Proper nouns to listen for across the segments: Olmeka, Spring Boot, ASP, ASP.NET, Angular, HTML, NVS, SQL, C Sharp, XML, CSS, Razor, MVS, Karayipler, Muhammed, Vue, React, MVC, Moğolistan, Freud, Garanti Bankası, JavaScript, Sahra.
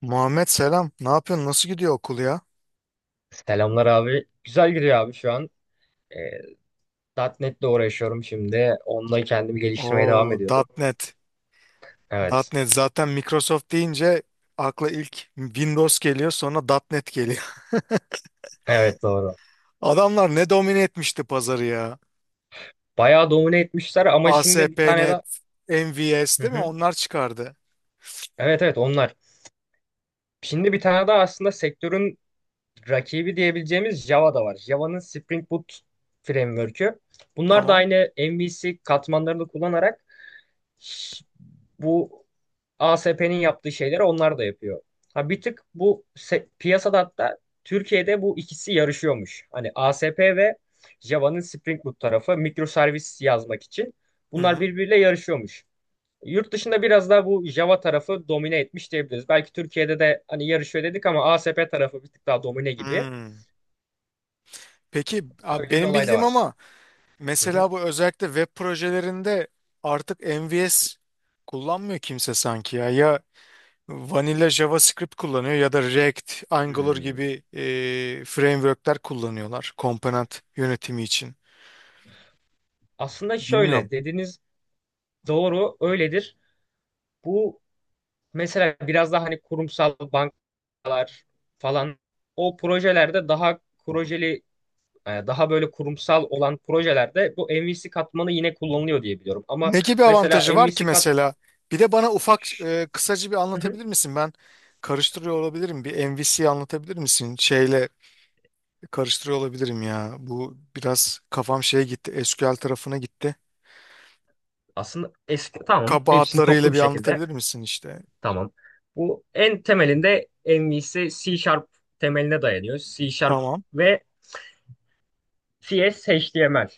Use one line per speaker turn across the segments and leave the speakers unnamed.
Muhammed selam. Ne yapıyorsun? Nasıl gidiyor okul ya?
Selamlar abi. Güzel gidiyor abi şu an. E, .NET'le uğraşıyorum şimdi. Onunla kendimi geliştirmeye devam
Oo,
ediyorum.
.NET.
Evet.
.NET zaten Microsoft deyince akla ilk Windows geliyor, sonra .NET geliyor.
Evet, doğru.
Adamlar ne domine etmişti pazarı ya.
Bayağı domine etmişler, ama şimdi bir tane
ASP.NET,
daha...
MVS
Hı
değil mi?
hı.
Onlar çıkardı.
Evet, evet, onlar. Şimdi bir tane daha, aslında sektörün rakibi diyebileceğimiz Java da var. Java'nın Spring Boot Framework'ü. Bunlar da
Tamam.
aynı MVC katmanlarını kullanarak s- bu ASP'nin yaptığı şeyleri onlar da yapıyor. Ha, bir tık bu piyasada, hatta Türkiye'de bu ikisi yarışıyormuş. Hani ASP ve Java'nın Spring Boot tarafı mikroservis yazmak için
Hı
bunlar
hı.
birbiriyle yarışıyormuş. Yurt dışında biraz daha bu Java tarafı domine etmiş diyebiliriz. Belki Türkiye'de de hani yarışıyor dedik ama ASP tarafı bir tık daha domine gibi.
Hmm. Peki abi
Öyle bir
benim
olay da
bildiğim
varmış.
ama
Hı hı.
mesela bu özellikle web projelerinde artık MVS kullanmıyor kimse sanki ya. Ya Vanilla JavaScript kullanıyor ya da React, Angular
Hmm.
gibi frameworkler kullanıyorlar komponent yönetimi için.
Aslında
Bilmiyorum.
şöyle dediniz, doğru öyledir. Bu Mesela biraz daha hani kurumsal bankalar falan, o projelerde daha projeli, daha böyle kurumsal olan projelerde bu MVC katmanı yine kullanılıyor diye biliyorum. Ama,
Ne gibi
mesela
avantajı var ki
MVC
mesela? Bir de bana ufak
Şş,
kısaca bir
hı hı,
anlatabilir misin? Ben karıştırıyor olabilirim. Bir MVC anlatabilir misin? Şeyle karıştırıyor olabilirim ya. Bu biraz kafam şeye gitti. SQL tarafına gitti.
aslında, eski, tamam, hepsini
Kabahatlarıyla
toplu bir
bir
şekilde,
anlatabilir misin işte?
tamam. Bu en temelinde MVC C Sharp temeline dayanıyor. C Sharp
Tamam.
ve CS HTML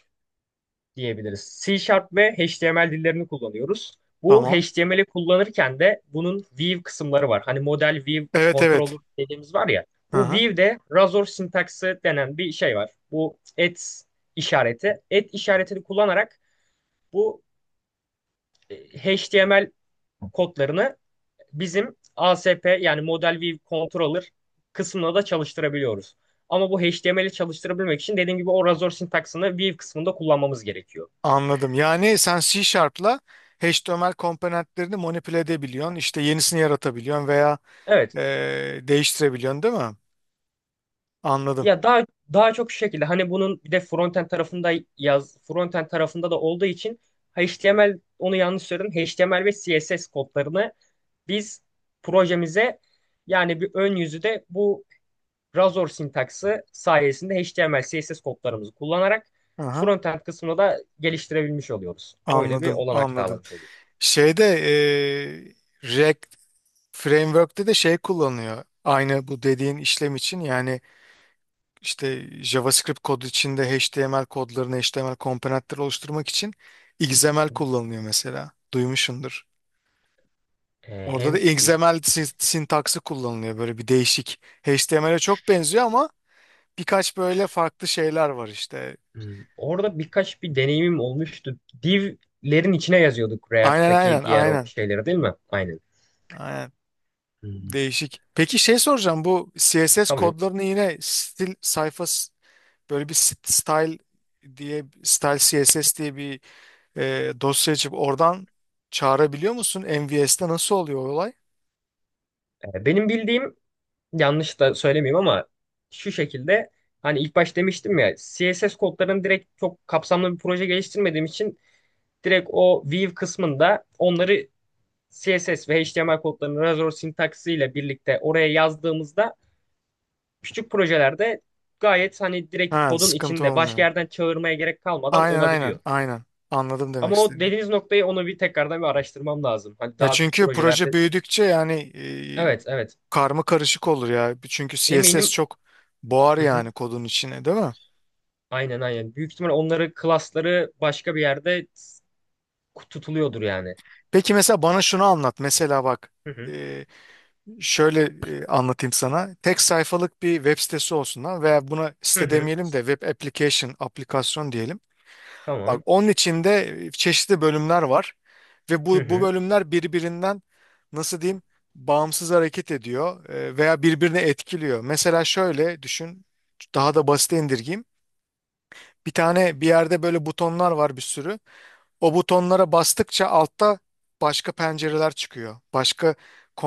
diyebiliriz. C Sharp ve HTML dillerini kullanıyoruz. Bu
Tamam.
HTML'i kullanırken de bunun view kısımları var. Hani model view
Evet
controller
evet.
dediğimiz var ya.
Hı
Bu
hı.
view'de razor sintaksı denen bir şey var. Bu et işareti. Et işaretini kullanarak bu e, HTML kodlarını bizim ASP, yani model view controller kısmına da çalıştırabiliyoruz. Ama bu HTML'i çalıştırabilmek için dediğim gibi o razor sintaksını view kısmında kullanmamız gerekiyor.
Anladım. Yani sen C Sharp'la HTML komponentlerini manipüle edebiliyorsun. İşte yenisini yaratabiliyorsun veya
Evet.
değiştirebiliyorsun değil mi? Anladım.
Ya, daha çok şu şekilde, hani bunun bir de frontend tarafında da olduğu için HTML, onu yanlış söyledim. HTML ve CSS kodlarını biz projemize, yani bir ön yüzü de bu Razor sintaksı sayesinde HTML, CSS kodlarımızı kullanarak
Aha,
frontend kısmını da geliştirebilmiş oluyoruz. Öyle bir
anladım,
olanak
anladım.
sağlamış oluyor.
Şeyde React Framework'te de şey kullanıyor. Aynı bu dediğin işlem için yani işte JavaScript kodu içinde HTML kodlarını, HTML komponentleri oluşturmak için XML kullanılıyor mesela. Duymuşsundur.
Ee,
Orada da
hem
XML sintaksı kullanılıyor böyle bir değişik. HTML'e çok benziyor ama birkaç böyle farklı şeyler var işte.
orada birkaç bir deneyimim olmuştu. Div'lerin içine yazıyorduk
Aynen
React'taki
aynen
diğer o
aynen.
şeyleri, değil mi? Aynen.
Aynen.
Hmm.
Değişik. Peki şey soracağım bu CSS
Tabii.
kodlarını yine böyle bir style diye style CSS diye bir dosya açıp oradan çağırabiliyor musun? MVS'te nasıl oluyor o olay?
Benim bildiğim, yanlış da söylemeyeyim ama şu şekilde, hani ilk baş demiştim ya, CSS kodlarını direkt çok kapsamlı bir proje geliştirmediğim için direkt o Vue kısmında onları, CSS ve HTML kodlarını Razor sintaksiyle birlikte oraya yazdığımızda, küçük projelerde, gayet hani direkt
Ha,
kodun
sıkıntı
içinde başka
olmuyor.
yerden çağırmaya gerek kalmadan
Aynen aynen
olabiliyor.
aynen. Anladım demek
Ama o
istediğini.
dediğiniz noktayı, onu bir tekrardan bir araştırmam lazım. Hani
Ya
daha büyük
çünkü proje
projelerde.
büyüdükçe yani e,
Evet, evet.
karma karışık olur ya. Çünkü CSS
Eminim.
çok boğar yani kodun içine, değil mi?
Aynen, aynen. Büyük ihtimal onları, klasları başka bir yerde tutuluyordur yani.
Peki mesela bana şunu anlat. Mesela bak
Hı hı.
e, şöyle anlatayım sana. Tek sayfalık bir web sitesi olsun ha veya buna
Hı
site
hı.
demeyelim de web application, aplikasyon diyelim. Bak
Tamam.
onun içinde çeşitli bölümler var ve
Hı
bu
hı.
bölümler birbirinden nasıl diyeyim bağımsız hareket ediyor veya birbirine etkiliyor. Mesela şöyle düşün daha da basite indirgeyim. Bir tane bir yerde böyle butonlar var bir sürü. O butonlara bastıkça altta başka pencereler çıkıyor. Başka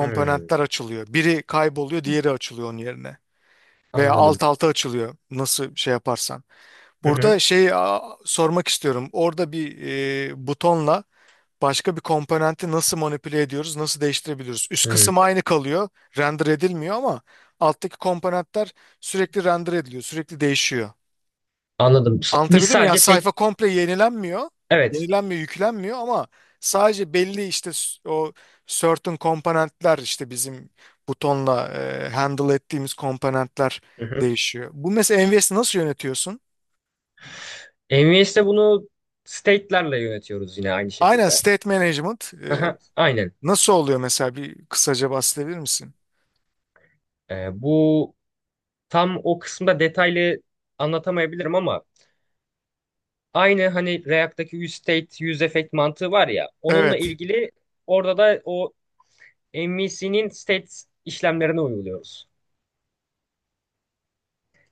Hı.
açılıyor. Biri kayboluyor, diğeri açılıyor onun yerine. Veya
Anladım.
alt alta açılıyor nasıl şey yaparsan.
Hı hı.
Burada sormak istiyorum. Orada bir butonla başka bir komponenti nasıl manipüle ediyoruz, nasıl değiştirebiliyoruz? Üst
Hı.
kısım aynı kalıyor, render edilmiyor ama alttaki komponentler sürekli render ediliyor, sürekli değişiyor.
Anladım. Biz
Anlatabildim mi? Yani
sadece
sayfa
tek,
komple yenilenmiyor,
evet.
yüklenmiyor ama sadece belli işte o certain komponentler işte bizim butonla handle ettiğimiz komponentler
Hı hı.
değişiyor. Bu mesela NVS'i nasıl yönetiyorsun?
NVS'te bunu state'lerle yönetiyoruz, yine aynı
Aynen
şekilde.
state management.
Aha, aynen.
Nasıl oluyor mesela bir kısaca bahsedebilir misin?
Bu tam o kısımda detaylı anlatamayabilirim, ama aynı hani React'taki use state, use effect mantığı var ya, onunla
Evet.
ilgili orada da o MVC'nin state işlemlerine uyguluyoruz.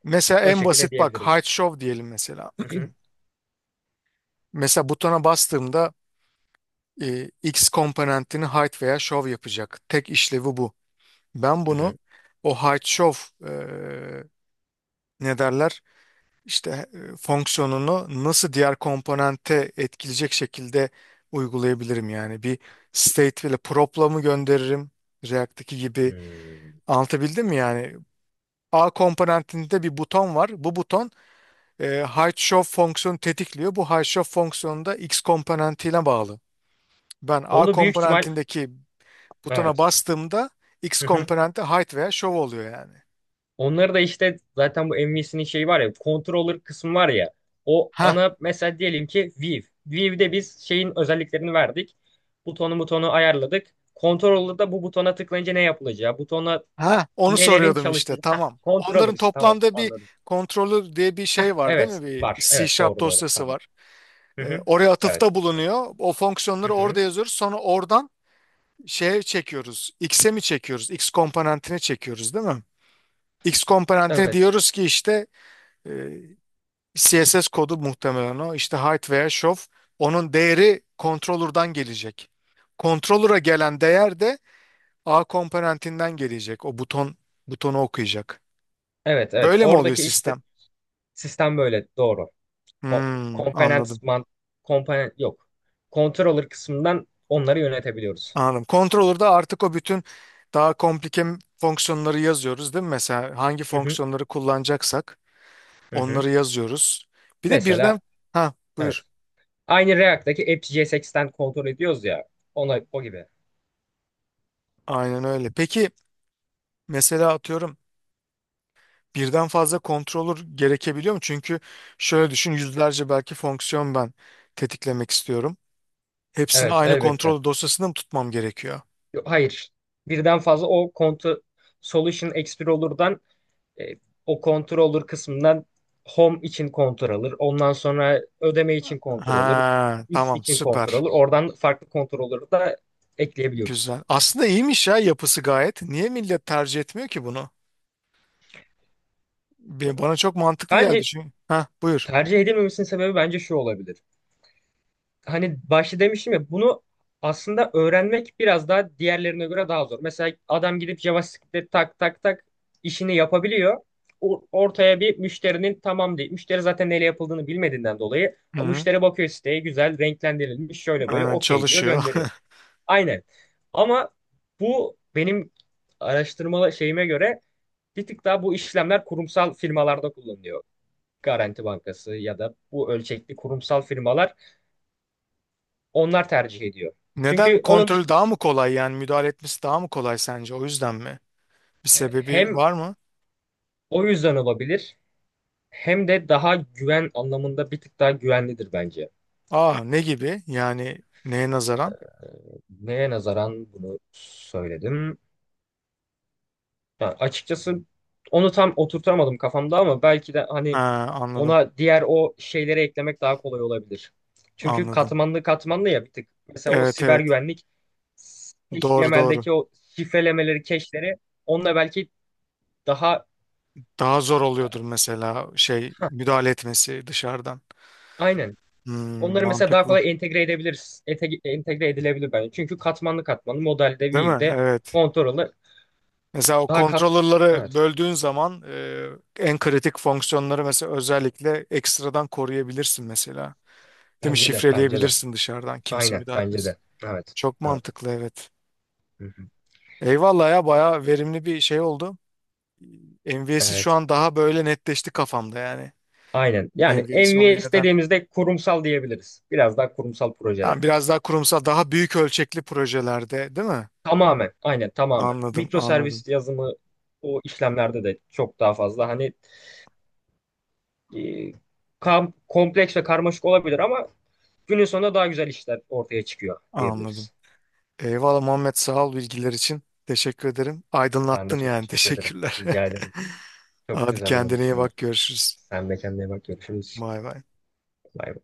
Mesela
O
en
şekilde
basit bak
diyebilirim.
height show diyelim mesela.
Hı hı.
Mesela butona bastığımda X komponentini height veya show yapacak. Tek işlevi bu. Ben
Hı
bunu
hı.
o height show e, ne derler? İşte fonksiyonunu nasıl diğer komponente etkileyecek şekilde uygulayabilirim yani. Bir state ile prop'la mı gönderirim? React'taki gibi.
Hmm.
Anlatabildim mi yani? A komponentinde bir buton var. Bu buton Height-Shoff fonksiyonu tetikliyor. Bu Height-Shoff fonksiyonu da X komponentiyle bağlı. Ben A
Onu büyük ihtimal,
komponentindeki butona
evet.
bastığımda X
Hı hı.
komponenti height veya show oluyor yani.
Onları da işte zaten bu MVC'nin şeyi var ya, controller kısmı var ya, o
Ha,
ana mesela diyelim ki Viv'de biz şeyin özelliklerini verdik. Butonu ayarladık. Controller'da bu butona tıklayınca ne yapılacağı, butona
ha, onu
nelerin
soruyordum işte.
çalıştığı.
Tamam.
Controller
Onların
işte, tamam,
toplamda bir
anladım.
kontrolü diye bir şey var değil
Evet,
mi? Bir
var. Evet,
C
doğru doğru,
dosyası
tamam.
var.
Hı hı.
Oraya
Evet.
atıfta
Doğru.
bulunuyor. O
Hı
fonksiyonları
hı.
orada yazıyoruz. Sonra oradan şeye çekiyoruz. X'e mi çekiyoruz? X komponentine çekiyoruz değil mi? X komponentine
Evet.
diyoruz ki işte e, CSS kodu muhtemelen o. İşte height veya show. Onun değeri controller'dan gelecek. Controller'a gelen değer de A komponentinden gelecek. O buton butonu okuyacak.
Evet, evet,
Böyle mi oluyor
oradaki işte
sistem?
sistem böyle, doğru.
Hmm,
Komponent
anladım.
man, komponent yok. Controller kısmından onları yönetebiliyoruz.
Anladım. Controller'da artık o bütün daha komplike fonksiyonları yazıyoruz değil mi? Mesela hangi
Hı hı,
fonksiyonları kullanacaksak
hı hı.
onları yazıyoruz. Bir de
Mesela,
birden ha
evet.
buyur.
Aynı React'taki AppJSX'ten kontrol ediyoruz ya. Ona o gibi.
Aynen öyle. Peki mesela atıyorum birden fazla controller gerekebiliyor mu? Çünkü şöyle düşün yüzlerce belki fonksiyon ben tetiklemek istiyorum. Hepsini
Evet,
aynı
elbette.
kontrol dosyasında mı tutmam gerekiyor?
Hayır. Birden fazla o kontu, Solution Explorer'dan, E, o controller kısmından, home için controller, ondan sonra ödeme için controller,
Ha,
X
tamam
için
süper.
controller, oradan farklı controller'ı da ekleyebiliyoruz.
Güzel. Aslında iyiymiş ya yapısı gayet. Niye millet tercih etmiyor ki bunu? Bana çok mantıklı geldi
Bence
çünkü. Ha, buyur.
tercih edilmemesinin sebebi bence şu olabilir. Hani başta demiştim ya, bunu aslında öğrenmek biraz daha diğerlerine göre daha zor. Mesela adam gidip JavaScript'te tak tak tak işini yapabiliyor. Ortaya bir müşterinin, tamam değil. Müşteri zaten neyle yapıldığını bilmediğinden dolayı
Hı
o
hı.
müşteri bakıyor siteye, güzel renklendirilmiş, şöyle böyle,
Aynen
okey diyor,
çalışıyor.
gönderiyor. Aynen. Ama bu, benim araştırmalı şeyime göre, bir tık daha bu işlemler kurumsal firmalarda kullanılıyor. Garanti Bankası ya da bu ölçekli kurumsal firmalar onlar tercih ediyor.
Neden
Çünkü onun
kontrol
dışında
daha mı kolay yani müdahale etmesi daha mı kolay sence? O yüzden mi? Bir sebebi
hem
var mı?
o yüzden olabilir, hem de daha güven anlamında bir tık daha güvenlidir bence.
Aa ne gibi? Yani neye nazaran?
Neye nazaran bunu söyledim? Yani açıkçası onu tam oturtamadım kafamda, ama belki de hani
Ha, anladım.
ona diğer o şeyleri eklemek daha kolay olabilir. Çünkü
Anladım.
katmanlı katmanlı ya, bir tık. Mesela o
Evet
siber
evet.
güvenlik,
Doğru doğru.
HTML'deki o şifrelemeleri, cache'leri, onunla belki daha,
Daha zor oluyordur mesela şey müdahale etmesi dışarıdan.
aynen.
Hmm,
Onları mesela daha
mantıklı.
kolay entegre edebiliriz. Entegre edilebilir bence. Çünkü katmanlı katmanlı modelde,
Değil mi?
view'de,
Evet.
control'da
Mesela o
daha kat...
kontrolörleri
Evet.
böldüğün zaman en kritik fonksiyonları mesela özellikle ekstradan koruyabilirsin mesela. Değil mi?
Bence de. Bence de.
Şifreleyebilirsin dışarıdan kimse
Aynen.
müdahale
Bence
etmesin.
de. Evet.
Çok
Evet.
mantıklı evet.
Hı hı.
Eyvallah ya bayağı verimli bir şey oldu. MVS'i şu
Evet.
an daha böyle netleşti kafamda yani.
Aynen. Yani
MVS olayı
MVS
neden?
dediğimizde kurumsal diyebiliriz. Biraz daha kurumsal projeler.
Yani biraz daha kurumsal, daha büyük ölçekli projelerde, değil mi?
Tamamen. Aynen. Tamamen.
Anladım,
Mikro
anladım,
servis yazımı o işlemlerde de çok daha fazla. Hani e, kompleks ve karmaşık olabilir ama günün sonunda daha güzel işler ortaya çıkıyor
anladım.
diyebiliriz.
Eyvallah Muhammed, sağ ol bilgiler için. Teşekkür ederim.
Ben de
Aydınlattın
çok
yani.
teşekkür ederim.
Teşekkürler.
Rica ederim. Çok
Hadi
güzeldi benim
kendine iyi
için de.
bak. Görüşürüz.
Sen de kendine bak. Görüşürüz.
Bay bay.
Bay bay.